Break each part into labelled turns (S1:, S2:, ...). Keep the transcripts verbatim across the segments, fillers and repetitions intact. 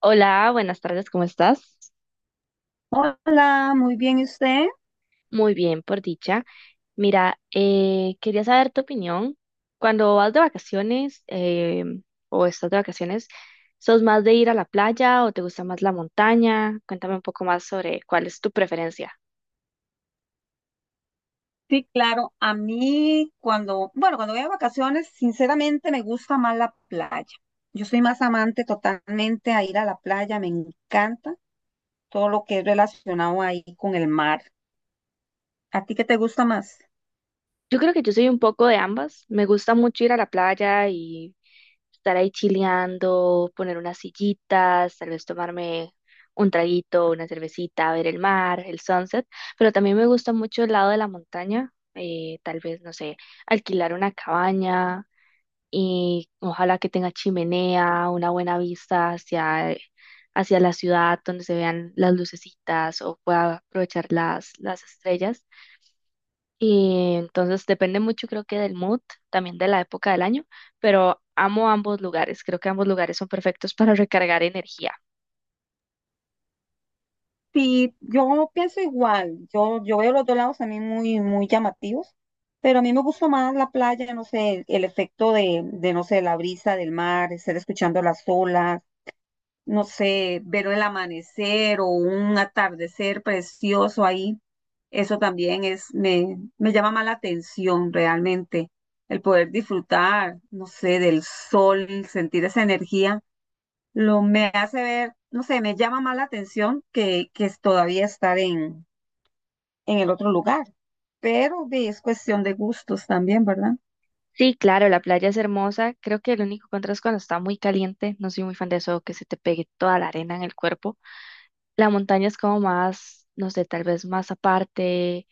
S1: Hola, buenas tardes, ¿cómo estás?
S2: Hola, muy bien, ¿y usted?
S1: Muy bien, por dicha. Mira, eh, quería saber tu opinión. Cuando vas de vacaciones eh, o estás de vacaciones, ¿sos más de ir a la playa o te gusta más la montaña? Cuéntame un poco más sobre cuál es tu preferencia.
S2: Sí, claro, a mí cuando, bueno, cuando voy a vacaciones, sinceramente me gusta más la playa. Yo soy más amante totalmente a ir a la playa, me encanta todo lo que es relacionado ahí con el mar. ¿A ti qué te gusta más?
S1: Yo creo que yo soy un poco de ambas. Me gusta mucho ir a la playa y estar ahí chileando, poner unas sillitas, tal vez tomarme un traguito, una cervecita, ver el mar, el sunset, pero también me gusta mucho el lado de la montaña, eh, tal vez, no sé, alquilar una cabaña y ojalá que tenga chimenea, una buena vista hacia, hacia la ciudad donde se vean las lucecitas o pueda aprovechar las, las estrellas. Y entonces depende mucho, creo que del mood, también de la época del año, pero amo ambos lugares. Creo que ambos lugares son perfectos para recargar energía.
S2: Sí, yo pienso igual, yo, yo veo los dos lados también muy, muy llamativos, pero a mí me gusta más la playa, no sé, el, el efecto de, de, no sé, la brisa del mar, estar escuchando las olas. No sé, ver el amanecer o un atardecer precioso ahí, eso también es, me, me llama más la atención realmente. El poder disfrutar, no sé, del sol, sentir esa energía, lo me hace ver, no sé, me llama más la atención que, que es todavía estar en, en el otro lugar. Pero de- es cuestión de gustos también, ¿verdad?
S1: Sí, claro, la playa es hermosa. Creo que el único contra es cuando está muy caliente. No soy muy fan de eso, que se te pegue toda la arena en el cuerpo. La montaña es como más, no sé, tal vez más aparte.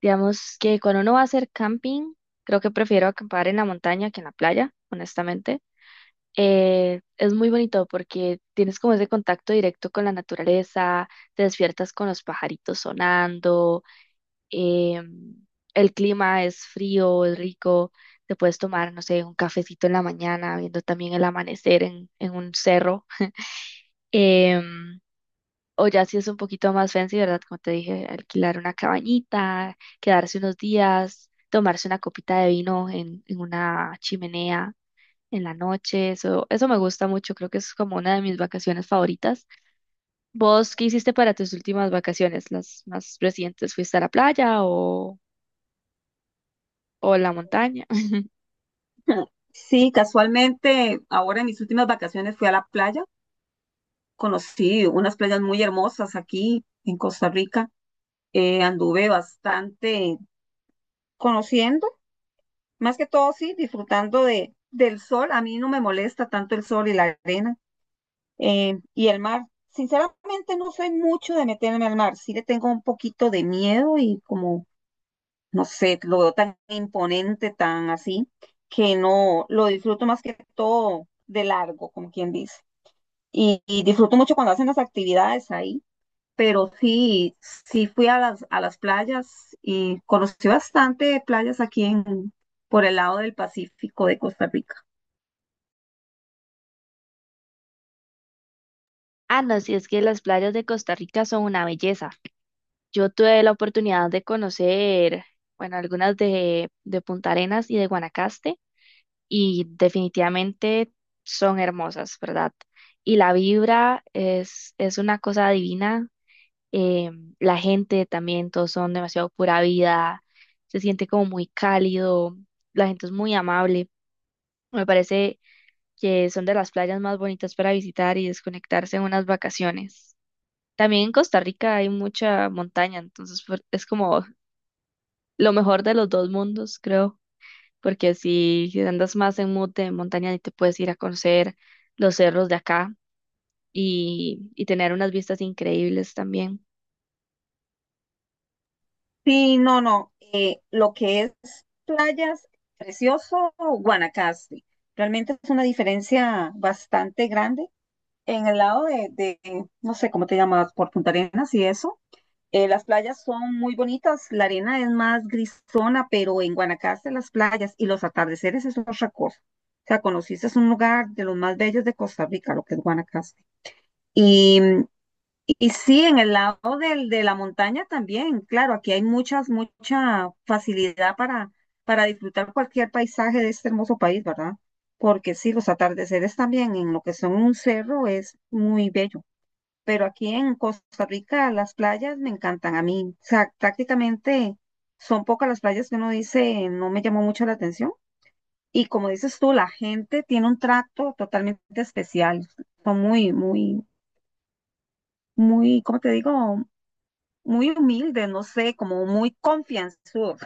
S1: Digamos que cuando uno va a hacer camping, creo que prefiero acampar en la montaña que en la playa, honestamente. Eh, es muy bonito porque tienes como ese contacto directo con la naturaleza, te despiertas con los pajaritos sonando, em, el clima es frío, es rico, te puedes tomar, no sé, un cafecito en la mañana, viendo también el amanecer en, en un cerro. em, o ya si es un poquito más fancy, ¿verdad? Como te dije, alquilar una cabañita, quedarse unos días, tomarse una copita de vino en, en una chimenea en la noche, eso, eso me gusta mucho, creo que es como una de mis vacaciones favoritas. ¿Vos qué hiciste para tus últimas vacaciones, las más recientes? ¿Fuiste a la playa o, o a la montaña?
S2: Sí, casualmente, ahora en mis últimas vacaciones fui a la playa, conocí unas playas muy hermosas aquí en Costa Rica. Eh, anduve bastante conociendo, más que todo sí, disfrutando de, del sol. A mí no me molesta tanto el sol y la arena eh, y el mar. Sinceramente no soy mucho de meterme al mar, sí le tengo un poquito de miedo y como, no sé, lo veo tan imponente, tan así, que no lo disfruto más que todo de largo, como quien dice. Y, y disfruto mucho cuando hacen las actividades ahí, pero sí, sí fui a las, a las playas y conocí bastante playas aquí en, por el lado del Pacífico de Costa Rica.
S1: Ah, no, sí es que las playas de Costa Rica son una belleza. Yo tuve la oportunidad de conocer, bueno, algunas de, de Punta Arenas y de Guanacaste y definitivamente son hermosas, ¿verdad? Y la vibra es, es una cosa divina. eh, la gente también, todos son demasiado pura vida, se siente como muy cálido, la gente es muy amable. Me parece que son de las playas más bonitas para visitar y desconectarse en unas vacaciones. También en Costa Rica hay mucha montaña, entonces fue- es como lo mejor de los dos mundos, creo, porque si andas más en mood de montaña y te puedes ir a conocer los cerros de acá y, y tener unas vistas increíbles también.
S2: Sí, no, no, eh, lo que es playas, precioso Guanacaste. Realmente es una diferencia bastante grande. En el lado de, de no sé cómo te llamas, por Punta Arenas y eso. Eh, las playas son muy bonitas, la arena es más grisona, pero en Guanacaste las playas y los atardeceres es otra cosa. O sea, conociste es un lugar de los más bellos de Costa Rica, lo que es Guanacaste. Y, y sí, en el lado del, de la montaña también, claro, aquí hay muchas, mucha facilidad para, para disfrutar cualquier paisaje de este hermoso país, ¿verdad? Porque sí, los atardeceres también en lo que son un cerro es muy bello, pero aquí en Costa Rica las playas me encantan a mí. O sea, prácticamente son pocas las playas que uno dice no me llamó mucho la atención. Y como dices tú, la gente tiene un trato totalmente especial. Son muy, muy, muy, ¿cómo te digo? Muy humildes, no sé, como muy confianzudos.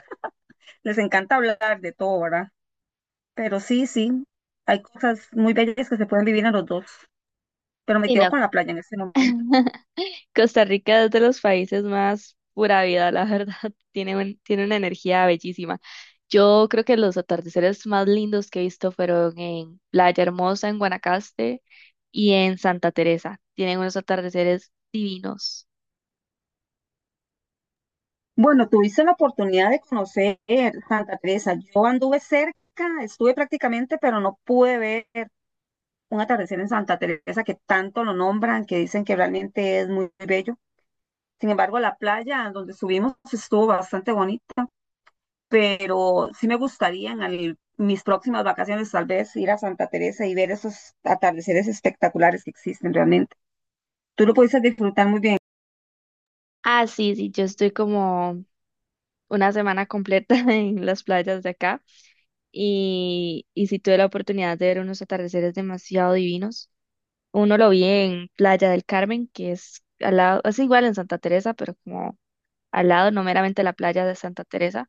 S2: Les encanta hablar de todo, ¿verdad? Pero sí, sí, hay cosas muy bellas que se pueden vivir en los dos. Pero me
S1: Sí,
S2: quedo
S1: no.
S2: con la playa en este momento.
S1: Costa Rica es de los países más pura vida, la verdad. Tiene, un- tiene una energía bellísima. Yo creo que los atardeceres más lindos que he visto fueron en Playa Hermosa, en Guanacaste y en Santa Teresa. Tienen unos atardeceres divinos.
S2: Bueno, tuviste la oportunidad de conocer Santa Teresa. Yo anduve cerca, estuve prácticamente, pero no pude ver un atardecer en Santa Teresa, que tanto lo nombran, que dicen que realmente es muy bello. Sin embargo, la playa donde subimos estuvo bastante bonita, pero sí me gustaría en al- mis próximas vacaciones tal vez ir a Santa Teresa y ver esos atardeceres espectaculares que existen realmente. Tú lo pudiste disfrutar muy bien.
S1: Ah, sí, sí, yo estoy como una semana completa en las playas de acá y, y sí tuve la oportunidad de ver unos atardeceres demasiado divinos. Uno lo vi en Playa del Carmen, que es al lado, es igual en Santa Teresa, pero como al lado, no meramente la playa de Santa Teresa,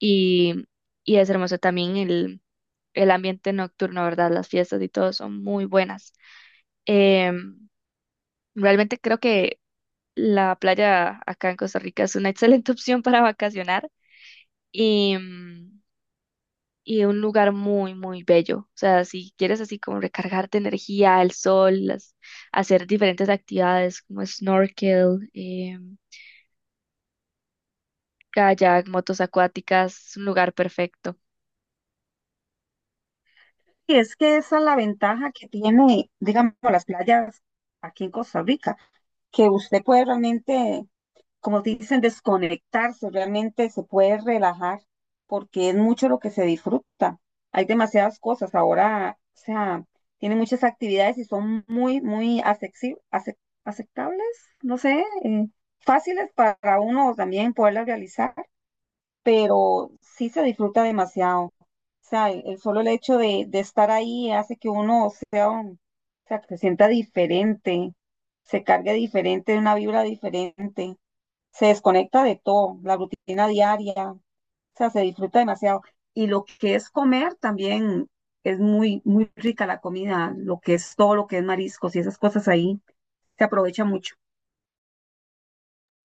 S1: y, y es hermoso también el, el ambiente nocturno, ¿verdad? Las fiestas y todo son muy buenas. Em, Realmente creo que la playa acá en Costa Rica es una excelente opción para vacacionar y, mm, y un lugar muy, muy bello. O sea, si quieres así como recargarte energía, el sol, las- hacer diferentes actividades como snorkel, em, kayak, motos acuáticas, es un lugar perfecto.
S2: Y es que esa es la ventaja que tiene, digamos, las playas aquí en Costa Rica, que usted puede realmente, como dicen, desconectarse, realmente se puede relajar, porque es mucho lo que se disfruta. Hay demasiadas cosas ahora, o sea, tiene muchas actividades y son muy, muy asexi- ace- aceptables, no sé, eh, fáciles para uno también poderlas realizar, pero sí se disfruta demasiado. O sea, el, el solo el hecho de, de estar ahí hace que uno sea un, o sea, que se sienta diferente, se cargue diferente, una vibra diferente, se desconecta de todo, la rutina diaria, o sea, se disfruta demasiado. Y lo que es comer también es muy, muy rica la comida, lo que es todo, lo que es mariscos y esas cosas ahí, se aprovecha mucho.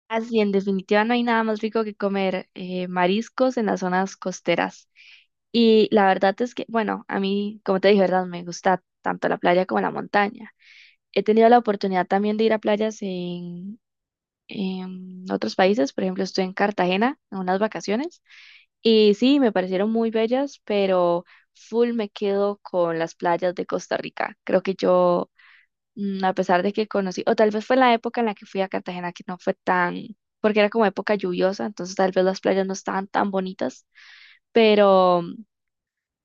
S1: Así, en definitiva, no hay nada más rico que comer eh, mariscos en las zonas costeras. Y la verdad es que, bueno, a mí, como te dije, ¿verdad? Me gusta tanto la playa como la montaña. He tenido la oportunidad también de ir a playas en, en otros países. Por ejemplo, estuve en Cartagena en unas vacaciones. Y sí, me parecieron muy bellas, pero full me quedo con las playas de Costa Rica. Creo que yo Mm, a pesar de que conocí, o tal vez fue la época en la que fui a Cartagena que no fue tan, porque era como época lluviosa, entonces tal vez las playas no estaban tan bonitas, pero,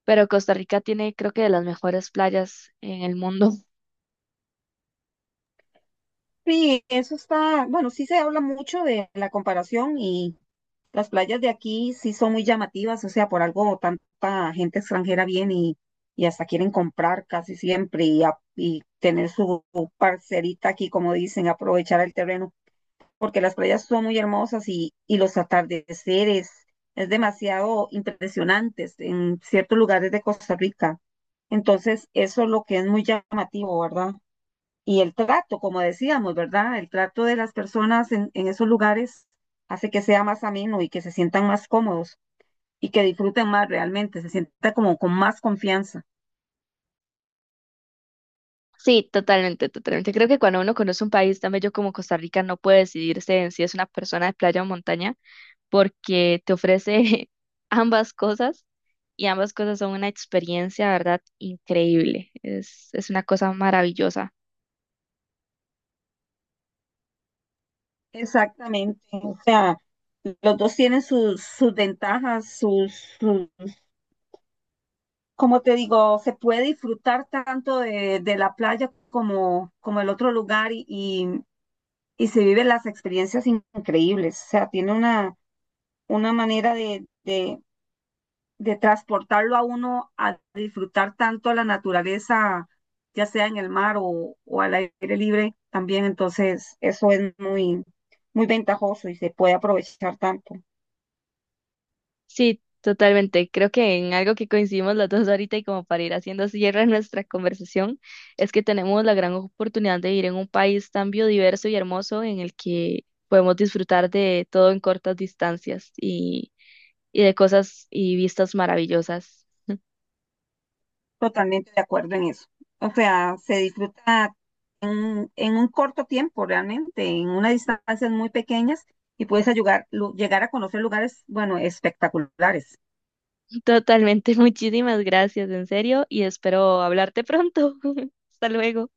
S1: pero Costa Rica tiene creo que de las mejores playas en el mundo.
S2: Sí, eso está, bueno, sí se habla mucho de la comparación y las playas de aquí sí son muy llamativas, o sea, por algo tanta gente extranjera viene y, y hasta quieren comprar casi siempre y, a- y tener su parcerita aquí, como dicen, aprovechar el terreno, porque las playas son muy hermosas y, y los atardeceres es demasiado impresionantes en ciertos lugares de Costa Rica. Entonces, eso es lo que es muy llamativo, ¿verdad? Y el trato, como decíamos, ¿verdad? El trato de las personas en, en esos lugares hace que sea más ameno y que se sientan más cómodos y que disfruten más realmente, se sienta como con más confianza.
S1: Sí, totalmente, totalmente. Creo que cuando uno conoce un país tan bello como Costa Rica no puede decidirse en si es una persona de playa o montaña, porque te ofrece ambas cosas y ambas cosas son una experiencia, ¿verdad? Increíble. Es, es una cosa maravillosa.
S2: Exactamente, o sea, los dos tienen sus, sus ventajas, sus, sus- como te digo, se puede disfrutar tanto de, de la playa como, como el otro lugar y, y, y se viven las experiencias increíbles, o sea, tiene una, una manera de, de, de transportarlo a uno a disfrutar tanto la naturaleza, ya sea en el mar o, o al aire libre también, entonces eso es muy, muy ventajoso y se puede aprovechar tanto.
S1: Sí, totalmente. Creo que en algo que coincidimos las dos ahorita y como para ir haciendo cierre a nuestra conversación, es que tenemos la gran oportunidad de ir en un país tan biodiverso y hermoso en el que podemos disfrutar de todo en cortas distancias y, y de cosas y vistas maravillosas.
S2: Totalmente de acuerdo en eso. O sea, se disfruta en, en un corto tiempo realmente, en unas distancias muy pequeñas y puedes ayudar, lu- llegar a conocer lugares, bueno, espectaculares.
S1: Totalmente. Muchísimas gracias, en serio, y espero hablarte pronto. Hasta luego.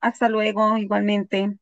S2: Hasta luego, igualmente.